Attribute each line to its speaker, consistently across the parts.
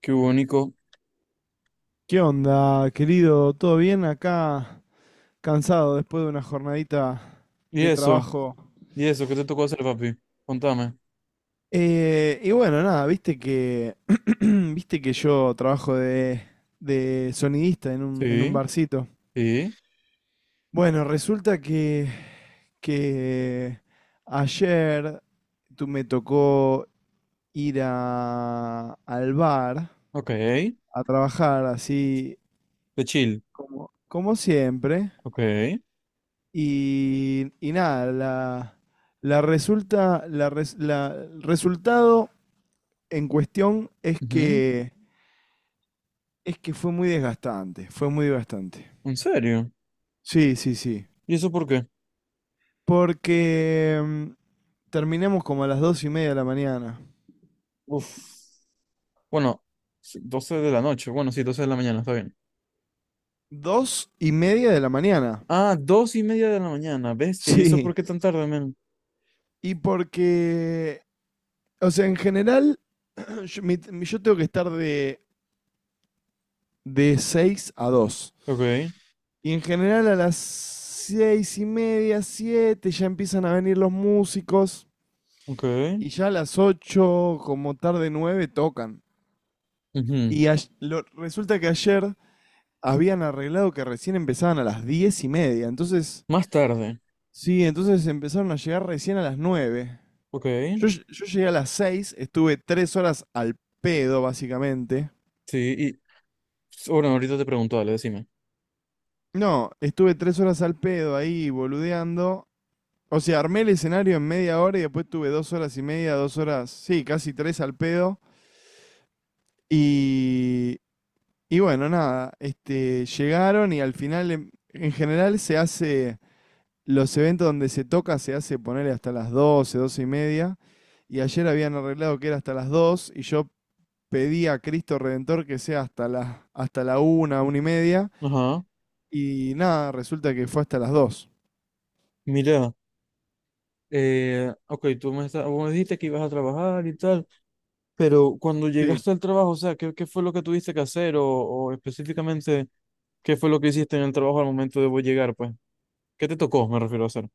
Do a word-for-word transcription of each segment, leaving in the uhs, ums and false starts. Speaker 1: Qué único.
Speaker 2: ¿Qué onda, querido? ¿Todo bien? Acá cansado después de una jornadita
Speaker 1: ¿Y
Speaker 2: de
Speaker 1: eso?
Speaker 2: trabajo.
Speaker 1: ¿Y eso? ¿Qué te tocó hacer, papi? Contame.
Speaker 2: Eh, y bueno, nada, viste que viste que yo trabajo de, de sonidista en un, en un
Speaker 1: Sí,
Speaker 2: barcito.
Speaker 1: sí,
Speaker 2: Bueno, resulta que, que ayer tú me tocó ir a- al bar
Speaker 1: ok. De
Speaker 2: a trabajar así
Speaker 1: chill,
Speaker 2: como, como siempre.
Speaker 1: ok.
Speaker 2: Y, y nada, la, la resulta, la res- la- el resultado en cuestión es
Speaker 1: Ujú.
Speaker 2: que, es que fue muy desgastante, fue muy desgastante.
Speaker 1: ¿En serio?
Speaker 2: Sí, sí, sí.
Speaker 1: ¿Y eso por qué?
Speaker 2: Porque mm, terminamos como a las dos y media de la mañana.
Speaker 1: Uf. Bueno, sí, doce de la noche. Bueno, sí, doce de la mañana, está bien.
Speaker 2: Dos y media de la mañana.
Speaker 1: Ah, dos y media de la mañana, bestia. ¿Y eso por
Speaker 2: Sí.
Speaker 1: qué tan tarde, men?
Speaker 2: Y porque, o sea, en general, yo, mi- mi- yo tengo que estar de, de seis a dos.
Speaker 1: Ok,
Speaker 2: Y en general a las seis y media, siete, ya empiezan a venir los músicos.
Speaker 1: ok.
Speaker 2: Y ya a las ocho, como tarde nueve, tocan.
Speaker 1: Ujú.
Speaker 2: Y ay- lo- resulta que ayer habían arreglado que recién empezaban a las diez y media. Entonces,
Speaker 1: Más tarde.
Speaker 2: sí, entonces empezaron a llegar recién a las nueve.
Speaker 1: Ok.
Speaker 2: Yo, ll- yo llegué a las seis, estuve tres horas al pedo, básicamente.
Speaker 1: Sí, y bueno, ahorita te pregunto, dale, decime.
Speaker 2: No, estuve tres horas al pedo ahí boludeando. O sea, armé el escenario en media hora y después tuve dos horas y media, dos horas, sí, casi tres al pedo. Y, y bueno, nada, este, llegaron y al final, em, en general se hace, los eventos donde se toca se hace ponerle hasta las doce doce y media. Y ayer habían arreglado que era hasta las dos y yo pedí a Cristo Redentor que sea hasta la, hasta la una una y media.
Speaker 1: Ajá.
Speaker 2: Y nada, resulta que fue hasta las dos.
Speaker 1: Mira, eh, ok, tú me, está- vos me dijiste que ibas a trabajar y tal. Pero cuando
Speaker 2: Sí.
Speaker 1: llegaste al trabajo, o sea, ¿qué, qué fue lo que tuviste que hacer? O, o específicamente, ¿qué fue lo que hiciste en el trabajo al momento de vos llegar, pues? ¿Qué te tocó, me refiero a hacer?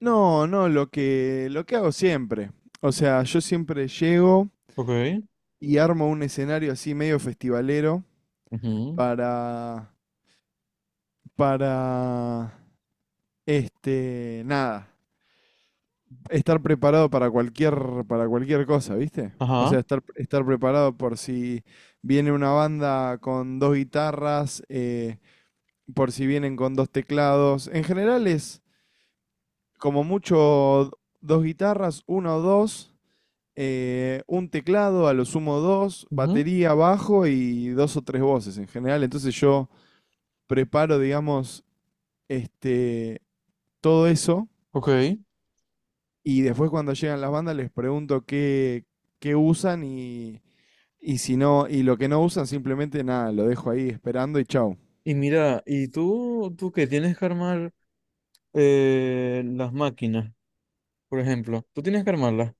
Speaker 2: No, no, lo que, lo que hago siempre. O sea, yo siempre llego
Speaker 1: Ok.
Speaker 2: y armo un escenario así medio festivalero,
Speaker 1: Ujú.
Speaker 2: para, para, este, nada, estar preparado para cualquier, para cualquier cosa, ¿viste? O
Speaker 1: Ajá.
Speaker 2: sea, estar, estar preparado por si viene una banda con dos guitarras, eh, por si vienen con dos teclados. En general es como mucho dos guitarras, uno o dos, eh, un teclado, a lo sumo dos,
Speaker 1: Ujú.
Speaker 2: batería, bajo y dos o tres voces en general. Entonces yo preparo, digamos, este, todo eso,
Speaker 1: Ok.
Speaker 2: y después cuando llegan las bandas les pregunto qué, qué usan y, y si no, y lo que no usan simplemente nada, lo dejo ahí esperando y chau.
Speaker 1: Y mira, ¿y tú, tú qué tienes que armar, eh, las máquinas, por ejemplo? Tú tienes que armarlas.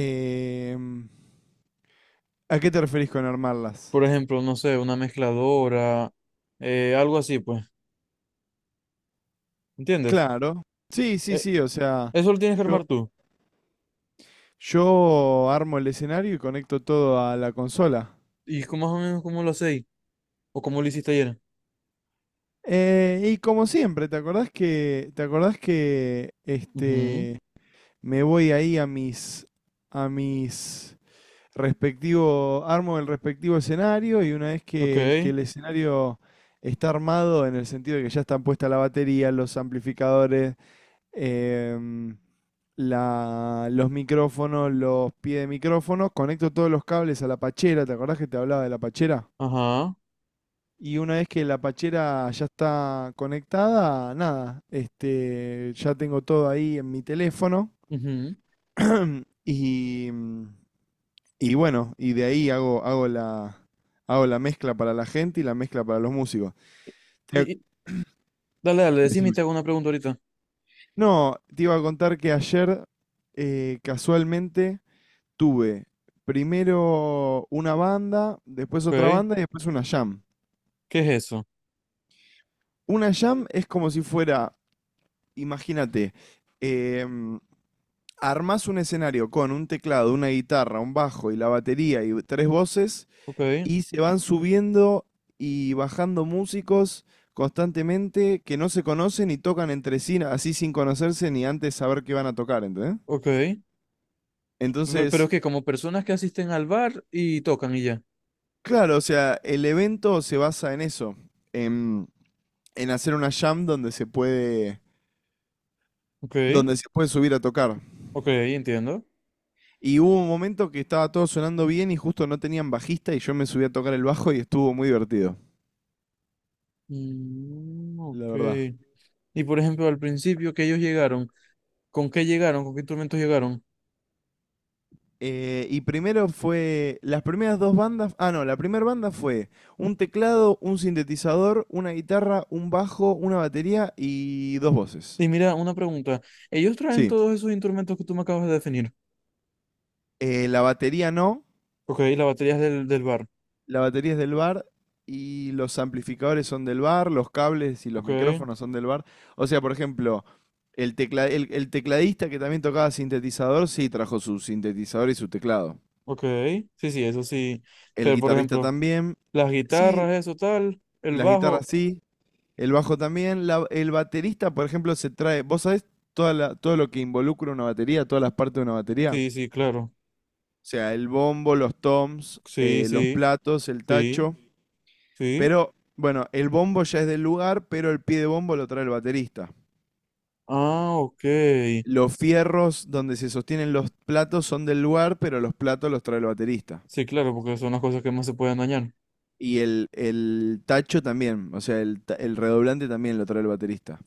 Speaker 2: Em, ¿a qué te referís con armarlas?
Speaker 1: Por ejemplo, no sé, una mezcladora, eh, algo así, pues. ¿Entiendes?
Speaker 2: Claro. Sí, sí,
Speaker 1: Eh,
Speaker 2: sí, o sea,
Speaker 1: eso lo tienes que
Speaker 2: yo,
Speaker 1: armar tú.
Speaker 2: yo armo el escenario y conecto todo a la consola.
Speaker 1: ¿Y cómo más o menos cómo lo hacéis? ¿O cómo lo hiciste ayer?
Speaker 2: Eh, y como siempre, ¿te acordás que, te acordás que
Speaker 1: Ujú.
Speaker 2: este, me voy ahí a mis, a mis respectivo, armo el respectivo escenario, y una vez
Speaker 1: Ok.
Speaker 2: que, que el escenario está armado en el sentido de que ya están puesta la batería, los amplificadores, em, la, los micrófonos, los pies de micrófono, conecto todos los cables a la pachera, ¿te acordás que te hablaba de la pachera?
Speaker 1: Ajá.
Speaker 2: Y una vez que la pachera ya está conectada, nada, este, ya tengo todo ahí en mi teléfono
Speaker 1: Ujú.
Speaker 2: y, mm, y bueno, y de ahí hago, hago la, hago la mezcla para la gente y la mezcla para los músicos. Te-
Speaker 1: Y, y- dale, dale, decime y
Speaker 2: Decime.
Speaker 1: te hago una pregunta ahorita.
Speaker 2: No, te iba a contar que ayer, eh, casualmente tuve primero una banda, después otra
Speaker 1: Ok.
Speaker 2: banda y después una jam.
Speaker 1: ¿Qué es eso?
Speaker 2: Una jam es como si fuera, imagínate, em, armas un escenario con un teclado, una guitarra, un bajo y la batería y tres voces,
Speaker 1: Ok,
Speaker 2: y se van subiendo y bajando músicos constantemente que no se conocen y tocan entre sí así sin conocerse ni antes saber qué van a tocar, ¿entendés?
Speaker 1: ok. Pero, pero
Speaker 2: Entonces,
Speaker 1: es que como personas que asisten al bar y tocan y ya.
Speaker 2: claro, o sea, el evento se basa en eso, en, en hacer una jam donde se puede,
Speaker 1: Ok,
Speaker 2: donde se puede subir a tocar.
Speaker 1: ok, entiendo.
Speaker 2: Y hubo un momento que estaba todo sonando bien y justo no tenían bajista y yo me subí a tocar el bajo y estuvo muy divertido,
Speaker 1: Mm,
Speaker 2: la
Speaker 1: ok.
Speaker 2: verdad.
Speaker 1: Y por ejemplo, al principio que ellos llegaron, ¿con qué llegaron? ¿Con qué instrumentos llegaron?
Speaker 2: Eh, y primero fue, las primeras dos bandas, ah no, la primera banda fue un teclado, un sintetizador, una guitarra, un bajo, una batería y dos voces.
Speaker 1: Y mira, una pregunta. Ellos traen
Speaker 2: Sí.
Speaker 1: todos esos instrumentos que tú me acabas de definir.
Speaker 2: Eh, la batería no,
Speaker 1: Ok, las baterías del, del bar.
Speaker 2: la batería es del bar y los amplificadores son del bar, los cables y los
Speaker 1: Ok,
Speaker 2: micrófonos son del bar. O sea, por ejemplo, el, tecla- el- el tecladista que también tocaba sintetizador, sí, trajo su sintetizador y su teclado.
Speaker 1: ok. Sí, sí, eso sí.
Speaker 2: El
Speaker 1: Pero por
Speaker 2: guitarrista
Speaker 1: ejemplo,
Speaker 2: también,
Speaker 1: las
Speaker 2: sí,
Speaker 1: guitarras, eso tal. El
Speaker 2: las guitarras
Speaker 1: bajo.
Speaker 2: sí, el bajo también, la- el baterista, por ejemplo, se trae, ¿vos sabés toda la- todo lo que involucra una batería, todas las partes de una batería?
Speaker 1: Sí, sí, claro.
Speaker 2: O sea, el bombo, los toms,
Speaker 1: Sí,
Speaker 2: eh, los
Speaker 1: sí,
Speaker 2: platos, el
Speaker 1: sí,
Speaker 2: tacho.
Speaker 1: sí.
Speaker 2: Pero, bueno, el bombo ya es del lugar, pero el pie de bombo lo trae el baterista.
Speaker 1: Ah, ok.
Speaker 2: Los fierros donde se sostienen los platos son del lugar, pero los platos los trae el baterista.
Speaker 1: Sí, claro, porque son las cosas que más se pueden dañar.
Speaker 2: Y el, el tacho también, o sea, el, ta- el redoblante también lo trae el baterista.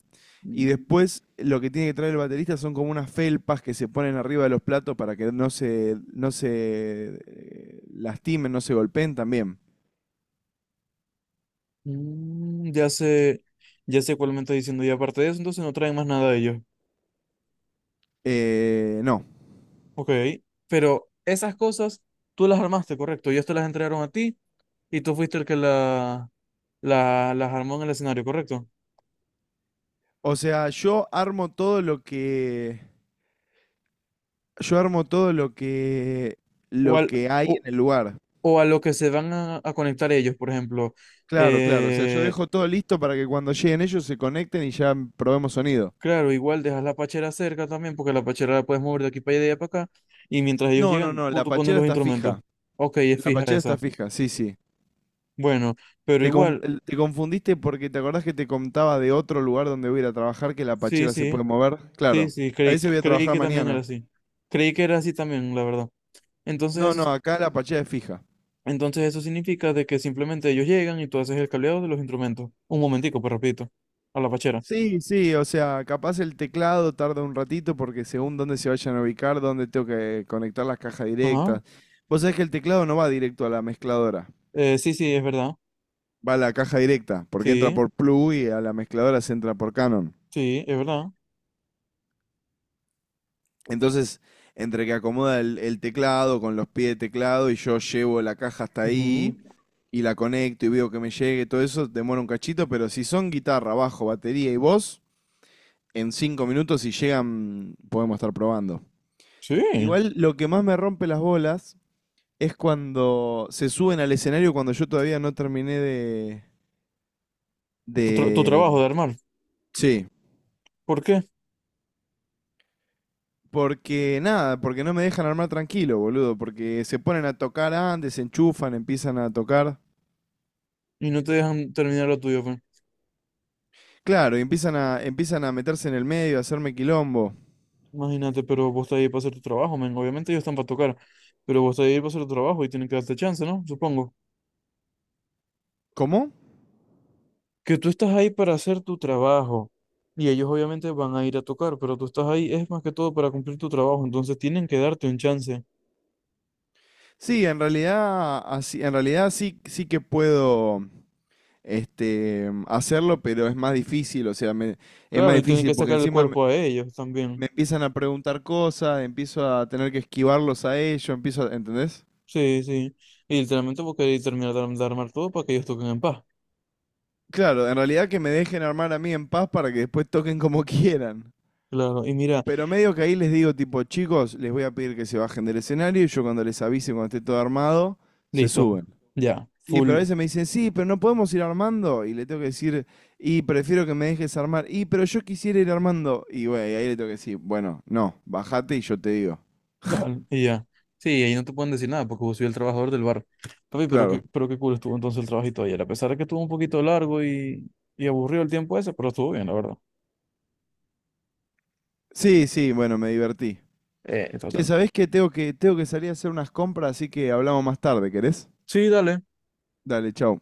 Speaker 2: Y
Speaker 1: Mm,
Speaker 2: después lo que tiene que traer el baterista son como unas felpas que se ponen arriba de los platos para que no se, no se, eh, lastimen, no se golpeen también.
Speaker 1: mm, ya sé, ya sé cuál me está diciendo. Y aparte de eso, entonces no traen más nada de ellos.
Speaker 2: Eh, no.
Speaker 1: Ok. Pero esas cosas tú las armaste, correcto. Ellos te las entregaron a ti y tú fuiste el que la, la- las armó en el escenario, correcto.
Speaker 2: O sea, yo armo todo lo que. Yo armo todo lo que.
Speaker 1: O,
Speaker 2: Lo
Speaker 1: al-
Speaker 2: que hay
Speaker 1: o,
Speaker 2: en el lugar.
Speaker 1: o a lo que se van a, a, conectar ellos, por ejemplo.
Speaker 2: Claro, claro. O sea, yo
Speaker 1: eh,
Speaker 2: dejo todo listo para que cuando lleguen ellos se conecten y ya probemos sonido.
Speaker 1: Claro, igual dejas la pachera cerca también, porque la pachera la puedes mover de aquí para allá y de allá para acá. Y mientras ellos
Speaker 2: No, no,
Speaker 1: llegan,
Speaker 2: no,
Speaker 1: pu-
Speaker 2: la
Speaker 1: tú pones
Speaker 2: pachera
Speaker 1: los
Speaker 2: está
Speaker 1: instrumentos.
Speaker 2: fija.
Speaker 1: Ok, es
Speaker 2: La
Speaker 1: fija
Speaker 2: pachera está
Speaker 1: esa.
Speaker 2: fija, sí, sí.
Speaker 1: Bueno, pero
Speaker 2: Te, con-
Speaker 1: igual,
Speaker 2: el- te confundiste porque te acordás que te contaba de otro lugar donde voy a ir a trabajar que la
Speaker 1: sí,
Speaker 2: pachera se
Speaker 1: sí,
Speaker 2: puede mover.
Speaker 1: sí,
Speaker 2: Claro,
Speaker 1: sí,
Speaker 2: a
Speaker 1: creí,
Speaker 2: ese voy a
Speaker 1: creí
Speaker 2: trabajar
Speaker 1: que también era
Speaker 2: mañana.
Speaker 1: así. Creí que era así también, la verdad. Entonces
Speaker 2: No,
Speaker 1: eso, s-
Speaker 2: no, acá la pachera es fija.
Speaker 1: entonces eso significa de que simplemente ellos llegan y tú haces el cableado de los instrumentos. Un momentico, pues repito, a la pachera.
Speaker 2: Sí, sí, o sea, capaz el teclado tarda un ratito porque según dónde se vayan a ubicar, dónde tengo que conectar las cajas
Speaker 1: Ajá.
Speaker 2: directas. Vos sabés que el teclado no va directo a la mezcladora,
Speaker 1: Eh, sí, sí, es verdad.
Speaker 2: va a la caja directa, porque entra
Speaker 1: Sí,
Speaker 2: por plug y a la mezcladora se entra por Canon.
Speaker 1: sí, es verdad.
Speaker 2: Entonces, entre que acomoda el, el teclado con los pies de teclado y yo llevo la caja hasta
Speaker 1: Ujú.
Speaker 2: ahí y la conecto y veo que me llegue, todo eso demora un cachito, pero si son guitarra, bajo, batería y voz, en cinco minutos si llegan podemos estar probando.
Speaker 1: Sí,
Speaker 2: Igual lo que más me rompe las bolas es cuando se suben al escenario cuando yo todavía no terminé de...
Speaker 1: tu, tra- tu trabajo de
Speaker 2: de...
Speaker 1: armar.
Speaker 2: Sí.
Speaker 1: ¿Por qué?
Speaker 2: Porque nada, porque no me dejan armar tranquilo, boludo, porque se ponen a tocar antes, se enchufan, empiezan a tocar.
Speaker 1: Y no te dejan terminar lo tuyo, pues.
Speaker 2: Claro, y empiezan a, empiezan a meterse en el medio, a hacerme quilombo.
Speaker 1: Imagínate, pero vos estás ahí para hacer tu trabajo, men. Obviamente ellos están para tocar, pero vos estás ahí para hacer tu trabajo y tienen que darte chance, ¿no? Supongo.
Speaker 2: ¿Cómo?
Speaker 1: Que tú estás ahí para hacer tu trabajo y ellos obviamente van a ir a tocar, pero tú estás ahí es más que todo para cumplir tu trabajo, entonces tienen que darte un chance.
Speaker 2: Sí, en realidad, así, en realidad sí, sí que puedo, este, hacerlo, pero es más difícil, o sea, me- es más
Speaker 1: Claro, y tienen
Speaker 2: difícil
Speaker 1: que
Speaker 2: porque
Speaker 1: sacar el
Speaker 2: encima me,
Speaker 1: cuerpo a ellos también.
Speaker 2: me empiezan a preguntar cosas, empiezo a tener que esquivarlos a ellos, empiezo a, ¿entendés?
Speaker 1: Sí, sí. Y literalmente vos querés terminar de, arm- de armar todo para que ellos toquen en paz.
Speaker 2: Claro, en realidad que me dejen armar a mí en paz para que después toquen como quieran.
Speaker 1: Claro, y mira,
Speaker 2: Pero medio que ahí les digo, tipo, chicos, les voy a pedir que se bajen del escenario y yo cuando les avise, cuando esté todo armado, se
Speaker 1: listo.
Speaker 2: suben.
Speaker 1: Ya,
Speaker 2: Sí, pero a
Speaker 1: full.
Speaker 2: veces me dicen, sí, pero no podemos ir armando. Y le tengo que decir, y prefiero que me dejes armar. Y, pero yo quisiera ir armando. Y bueno, ahí le tengo que decir, bueno, no, bajate y yo te digo.
Speaker 1: Dale, y ya. Sí, ahí no te pueden decir nada porque vos soy el trabajador del bar. Papi, pero qué,
Speaker 2: Claro.
Speaker 1: pero qué cool estuvo entonces el trabajito ayer. A pesar de que estuvo un poquito largo y, y aburrido el tiempo ese, pero estuvo bien, la verdad.
Speaker 2: Sí, sí, bueno, me divertí.
Speaker 1: Eh,
Speaker 2: Che,
Speaker 1: total.
Speaker 2: ¿sabés qué? Tengo que, tengo que salir a hacer unas compras, así que hablamos más tarde, ¿querés?
Speaker 1: Sí, dale.
Speaker 2: Dale, chau.